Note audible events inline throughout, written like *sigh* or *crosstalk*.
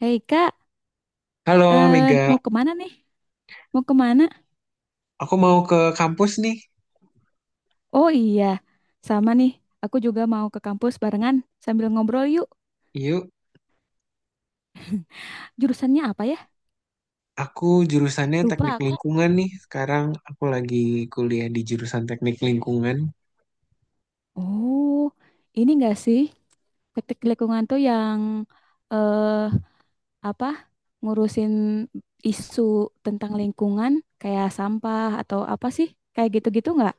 Hei kak, Halo eh, Mega, mau kemana nih? Mau kemana? aku mau ke kampus nih. Oh iya, sama nih. Aku juga mau ke kampus barengan sambil ngobrol yuk. Yuk, Jurusannya apa ya? aku jurusannya Lupa teknik aku. lingkungan nih. Sekarang aku lagi kuliah di jurusan teknik lingkungan. Oh, ini enggak sih? Teknik lingkungan tuh yang eh apa? Ngurusin isu tentang lingkungan kayak sampah atau apa sih? Kayak gitu-gitu nggak?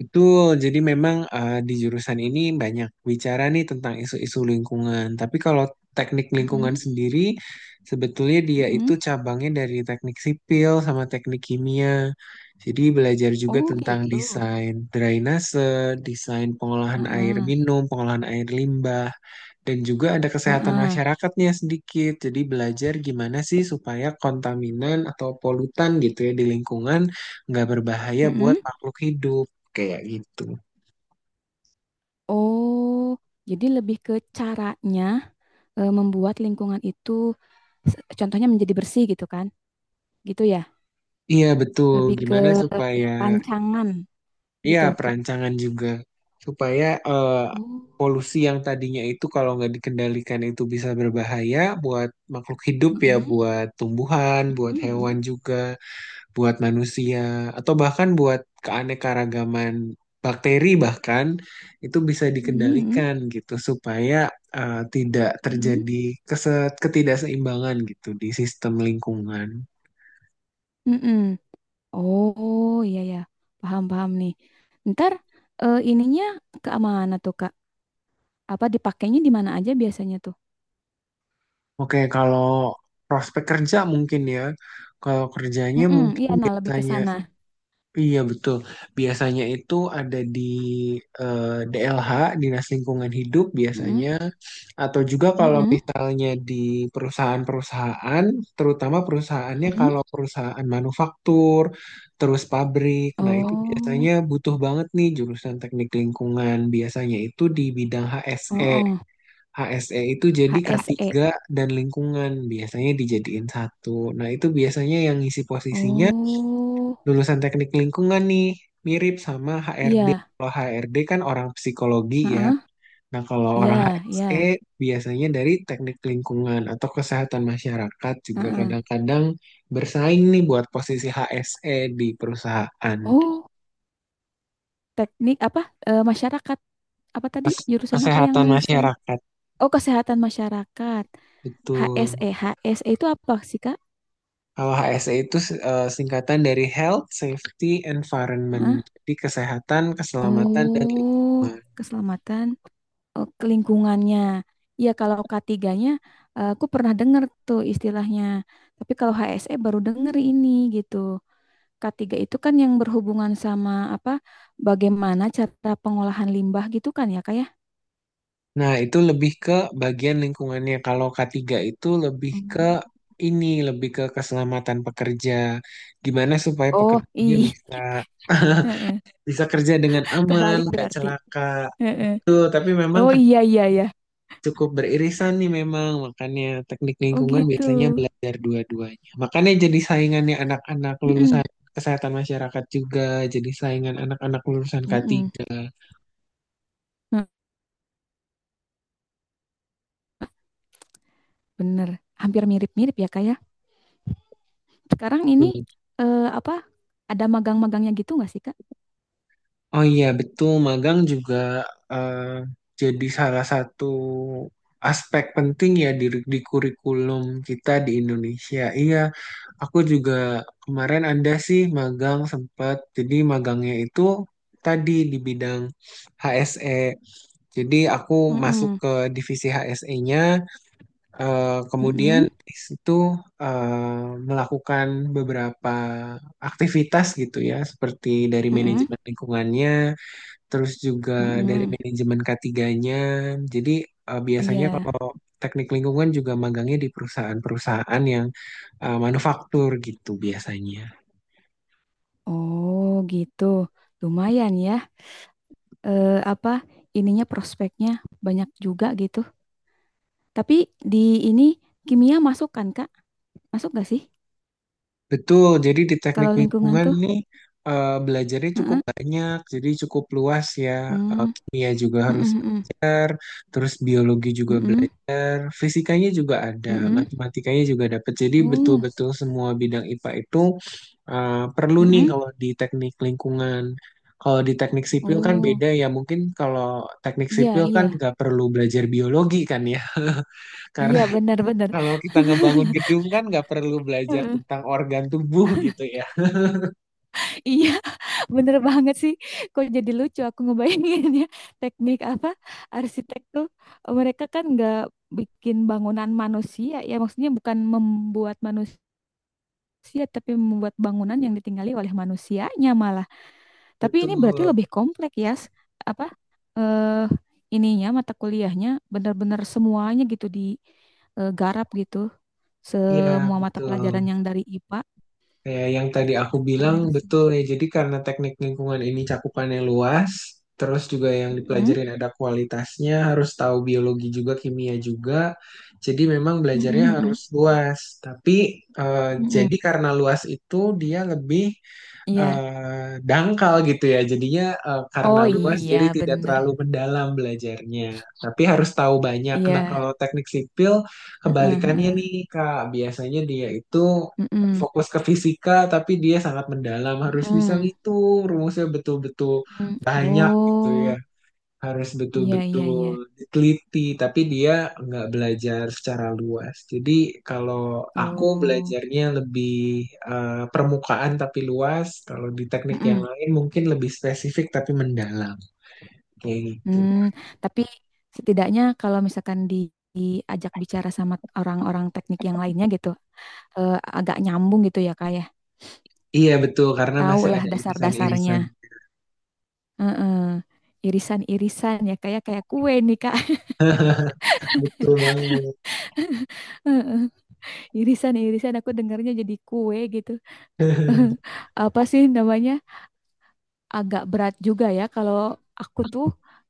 Betul, jadi memang di jurusan ini banyak bicara nih tentang isu-isu lingkungan. Tapi kalau teknik lingkungan Mm-mm, sendiri, sebetulnya dia itu mm-mm. cabangnya dari teknik sipil sama teknik kimia. Jadi belajar juga Oh tentang gitu. desain drainase, desain pengolahan air Heeh, minum, pengolahan air limbah. Dan juga ada kesehatan heeh, masyarakatnya sedikit. Jadi belajar gimana sih supaya kontaminan atau polutan gitu ya di lingkungan nggak berbahaya buat heeh. makhluk hidup kayak gitu. Oh, jadi lebih ke caranya membuat lingkungan itu, contohnya menjadi bersih gitu kan? Gitu ya, Iya betul. lebih ke Gimana supaya rancangan iya gitu. perancangan juga supaya Oh, polusi yang tadinya itu kalau nggak dikendalikan itu bisa berbahaya buat makhluk hidup ya, mm-mm, buat tumbuhan, buat mm-mm, hewan juga, buat manusia atau bahkan buat keanekaragaman bakteri bahkan itu bisa mm-mm, dikendalikan gitu supaya tidak mm-mm, terjadi ketidakseimbangan gitu di sistem lingkungan. mm-mm. Oh, iya ya, paham paham nih. Ntar ininya ke mana tuh Kak? Apa dipakainya di mana aja biasanya tuh? Oke, kalau prospek kerja mungkin ya, kalau kerjanya Mm-mm, iya, mungkin nah lebih ke tanya. sana. Iya betul. Biasanya itu ada di eh, DLH, Dinas Lingkungan Hidup Mm-mm, biasanya, atau juga kalau mm-mm, misalnya di perusahaan-perusahaan, terutama perusahaannya mm-mm. kalau perusahaan manufaktur, terus pabrik. Nah, itu Oh, biasanya butuh banget nih jurusan teknik lingkungan. Biasanya itu di bidang oh, HSE. oh. HSE itu jadi HSE. K3 dan lingkungan, biasanya dijadiin satu. Nah, itu biasanya yang ngisi posisinya Oh, lulusan teknik lingkungan nih mirip sama HRD. iya. Kalau HRD kan orang psikologi ya. Heeh. Nah, kalau orang Iya, HSE iya. biasanya dari teknik lingkungan atau kesehatan masyarakat juga Heeh. kadang-kadang bersaing nih buat posisi HSE di perusahaan. Oh, teknik apa? Eh, masyarakat. Apa tadi? Jurusan apa yang Kesehatan saya? masyarakat. Oh, kesehatan masyarakat. Betul. HSE. HSE itu apa sih, Kak? Kalau HSE itu singkatan dari Health, Safety, Environment. Heeh. Jadi kesehatan, keselamatan, dan Oh, lingkungan. keselamatan. Oh, ke lingkungannya. Iya, kalau k tiganya nya aku pernah dengar tuh istilahnya. Tapi kalau HSE baru denger ini gitu. Ketiga itu kan yang berhubungan sama apa? Bagaimana cara pengolahan limbah gitu kan ya, Kak ya? Nah, itu lebih ke bagian lingkungannya. Kalau k tiga itu lebih ke Hmm. ini, lebih ke keselamatan pekerja. Gimana supaya Oh, pekerjanya iya. bisa *laughs* *laughs* Heeh. bisa kerja dengan aman, Kebalik nggak berarti. celaka. Heeh. Tuh, tapi memang Oh iya iya ya. cukup beririsan nih memang. Makanya teknik Oh lingkungan gitu. biasanya belajar dua-duanya. Makanya jadi saingannya anak-anak lulusan Mm-mm. kesehatan masyarakat juga, jadi saingan anak-anak lulusan k Mm-mm. tiga. Nah, bener. Hampir mirip-mirip ya, Kak ya. Sekarang ini apa? Ada magang-magangnya gitu nggak sih, Kak? Oh iya betul, magang juga eh, jadi salah satu aspek penting ya di kurikulum kita di Indonesia. Iya, aku juga kemarin ada sih magang sempat. Jadi magangnya itu tadi di bidang HSE. Jadi aku masuk Mm-mm. ke divisi HSE-nya, kemudian Mm-mm. di situ eh, melakukan beberapa aktivitas gitu ya, seperti dari Mm-mm. manajemen lingkungannya terus juga dari Mm-mm. manajemen k 3. Jadi biasanya Iya. kalau teknik lingkungan juga magangnya di perusahaan-perusahaan yang manufaktur gitu biasanya. Oh, gitu. Lumayan ya. Apa ininya prospeknya banyak juga gitu. Tapi di ini kimia masuk kan Kak? Masuk gak sih? Betul, jadi di teknik Kalau lingkungan lingkungan tuh? nih belajarnya cukup Heeh. banyak, jadi cukup luas ya. Hmm. Kimia juga harus Mm-mm, mm-mm, belajar, terus biologi juga mm-mm, belajar. Fisikanya juga ada, mm-mm. matematikanya juga dapat. Jadi Mm-mm. Oh, betul-betul semua bidang IPA itu perlu mm, nih mm. kalau di teknik lingkungan. Kalau di teknik sipil kan Oh, beda ya. Mungkin kalau teknik iya sipil kan iya. nggak perlu belajar biologi kan ya. *laughs* Karena Iya benar-benar. kalau kita ngebangun gedung kan nggak perlu belajar Heeh. tentang organ tubuh *laughs* gitu ya. Iya, *laughs* bener banget sih. Kok jadi lucu aku ngebayanginnya *laughs* teknik apa arsitek tuh mereka kan nggak bikin bangunan manusia ya maksudnya bukan membuat manusia manusia, tapi membuat bangunan yang ditinggali oleh manusianya malah. Tapi ini berarti Betul. lebih kompleks ya, apa eh ininya mata kuliahnya benar-benar semuanya gitu digarap gitu. Iya, Semua mata betul. pelajaran yang dari IPA Ya, yang tadi aku bilang keren sih. betul ya. Jadi karena teknik lingkungan ini cakupannya luas, terus juga yang Mm-mm, dipelajarin ada kualitasnya, harus tahu biologi juga, kimia juga. Jadi memang belajarnya mm-mm, mm-mm, harus luas. Tapi eh, mm-mm. jadi karena luas itu dia lebih Iya. Dangkal gitu ya. Jadinya karena Oh luas jadi iya, tidak bener. terlalu mendalam belajarnya. Tapi harus tahu banyak. Nah, Iya. kalau teknik sipil Heeh, kebalikannya heeh. nih Kak, biasanya dia itu Mm-mm, fokus ke fisika tapi dia sangat mendalam, harus bisa mm-mm, ngitung rumusnya betul-betul mm-mm. banyak gitu ya, Oh, harus iya iya betul-betul iya. diteliti, tapi dia nggak belajar secara luas. Jadi kalau aku Oh. belajarnya lebih permukaan tapi luas, kalau di teknik yang Mm-mm. lain mungkin lebih spesifik tapi mendalam, kayak gitu. Hmm, tapi setidaknya kalau misalkan di, diajak bicara sama orang-orang teknik yang lainnya gitu, agak nyambung gitu ya kak ya. Iya betul, karena Tahu masih lah ada irisan-irisan. dasar-dasarnya. Heeh. Irisan-irisan ya kayak kayak kue nih kak. Betul *laughs* Heeh. Irisan-irisan aku dengarnya jadi kue gitu. banget. *laughs* Apa sih namanya? Agak berat juga ya kalau aku tuh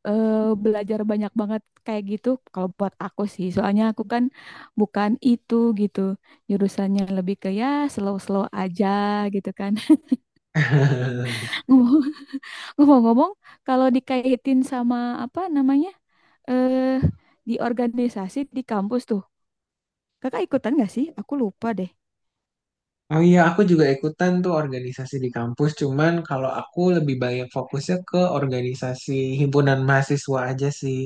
eh, belajar banyak banget kayak gitu kalau buat aku sih soalnya aku kan bukan itu gitu jurusannya lebih ke ya slow-slow aja gitu kan. *laughs* *laughs* Ngomong- ngomong-ngomong kalau dikaitin sama apa namanya eh di organisasi di kampus tuh kakak ikutan gak sih aku lupa deh. Oh iya, aku juga ikutan tuh organisasi di kampus. Cuman kalau aku lebih banyak fokusnya ke organisasi himpunan mahasiswa aja sih.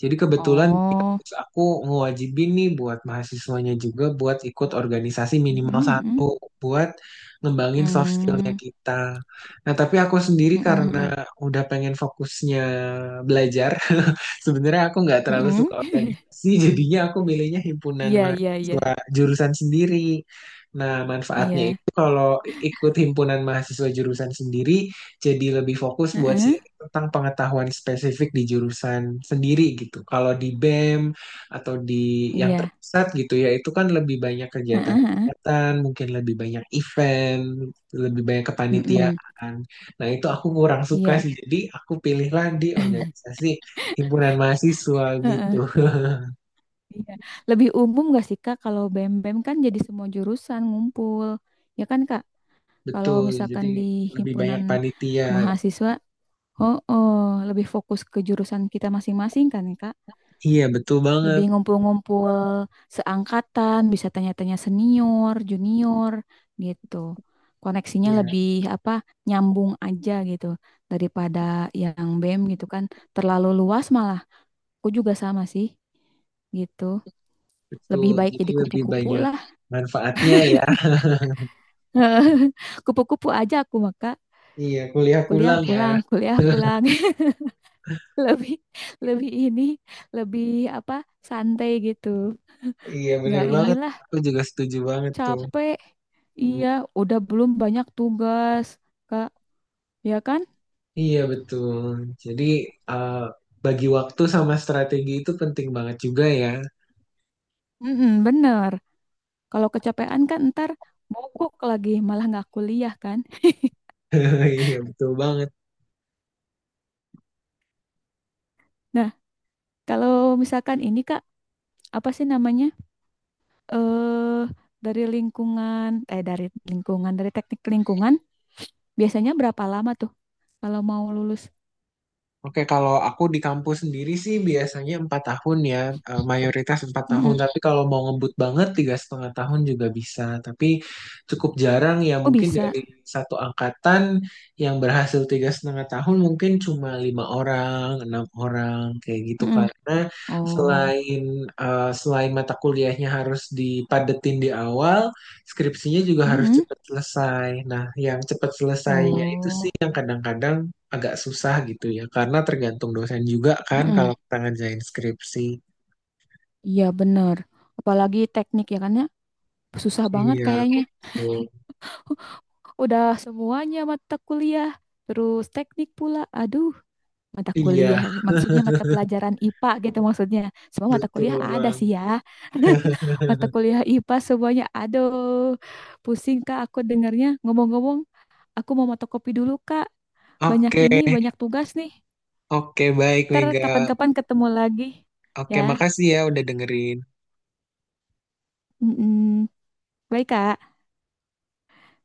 Jadi kebetulan di Oh, kampus aku ngewajibin nih buat mahasiswanya juga buat ikut organisasi minimal satu mm-mm, buat ngembangin soft skillnya hmm, kita. Nah, tapi aku sendiri hmm, hmm, karena hmm, udah pengen fokusnya belajar, *laughs* sebenarnya aku nggak terlalu hmm. suka organisasi. *laughs* Jadinya aku milihnya himpunan Iya, iya, iya, mahasiswa jurusan sendiri. Nah, manfaatnya iya, itu kalau ikut himpunan mahasiswa jurusan sendiri jadi lebih fokus buat heeh, sharing tentang pengetahuan spesifik di jurusan sendiri gitu. Kalau di BEM atau di yang iya. terpusat gitu ya, itu kan lebih banyak Heeh, heeh. kegiatan-kegiatan, mungkin lebih banyak event, lebih banyak Mm-mm. kepanitiaan. Nah, itu aku kurang suka Iya, sih. Jadi aku pilihlah di organisasi himpunan mahasiswa gitu. heeh, *laughs* iya. Lebih umum gak sih Kak kalau BEM-BEM kan jadi semua jurusan ngumpul. Ya kan Kak? Kalau Betul, jadi misalkan di lebih banyak himpunan panitia. mahasiswa, oh, oh lebih fokus ke jurusan kita masing-masing kan Kak? Iya, betul banget. Lebih ngumpul-ngumpul seangkatan, bisa tanya-tanya senior, junior gitu. Koneksinya Iya, lebih apa? Nyambung aja gitu daripada yang BEM gitu kan terlalu luas malah. Aku juga sama sih, gitu. betul. Lebih baik Jadi jadi lebih kupu-kupu banyak lah. manfaatnya ya. *laughs* Kupu-kupu aja aku maka Iya, kuliah kuliah pulang ya. pulang, kuliah *laughs* pulang. *laughs* Lebih lebih ini, lebih apa? Santai gitu. Iya, bener Nggak banget. inilah Aku juga setuju banget tuh. capek. Iya, udah belum banyak tugas, Kak. Ya kan? Iya, betul. Jadi, eh, bagi waktu sama strategi itu penting banget juga ya. Mm-mm, bener. Kalau kecapean kan ntar mogok lagi, malah nggak kuliah kan. *laughs* Iya, betul banget. Nah, kalau misalkan ini Kak, apa sih namanya? eh dari lingkungan dari teknik lingkungan biasanya berapa lama tuh kalau mau lulus? Oke, kalau aku di kampus sendiri sih biasanya 4 tahun ya, mayoritas 4 tahun. Mm-mm. Tapi kalau mau ngebut banget 3,5 tahun juga bisa. Tapi cukup jarang ya, Oh mungkin bisa. dari satu angkatan yang berhasil 3,5 tahun mungkin cuma 5 orang, 6 orang kayak gitu. Mm-mm. Karena Oh, selain selain mata kuliahnya harus dipadetin di awal, skripsinya juga harus mm-mm. cepat selesai. Nah, yang cepat selesainya itu sih Oh, yang kadang-kadang agak susah gitu ya karena tergantung dosen juga kan mm-mm. kalau kita ngerjain skripsi. Iya bener. Apalagi teknik ya kan ya susah banget Iya kayaknya. betul. Udah semuanya mata kuliah, terus teknik pula. Aduh, mata kuliah Iya, maksudnya mata pelajaran IPA gitu maksudnya semua mata betul kuliah ada sih banget. ya. *laughs* Mata kuliah IPA semuanya aduh pusing kak aku dengarnya ngomong-ngomong aku mau fotokopi dulu kak banyak Oke. ini banyak tugas nih Oke, baik ntar Mega. kapan-kapan ketemu lagi Oke, ya. makasih ya udah dengerin. Mm. Baik, Kak.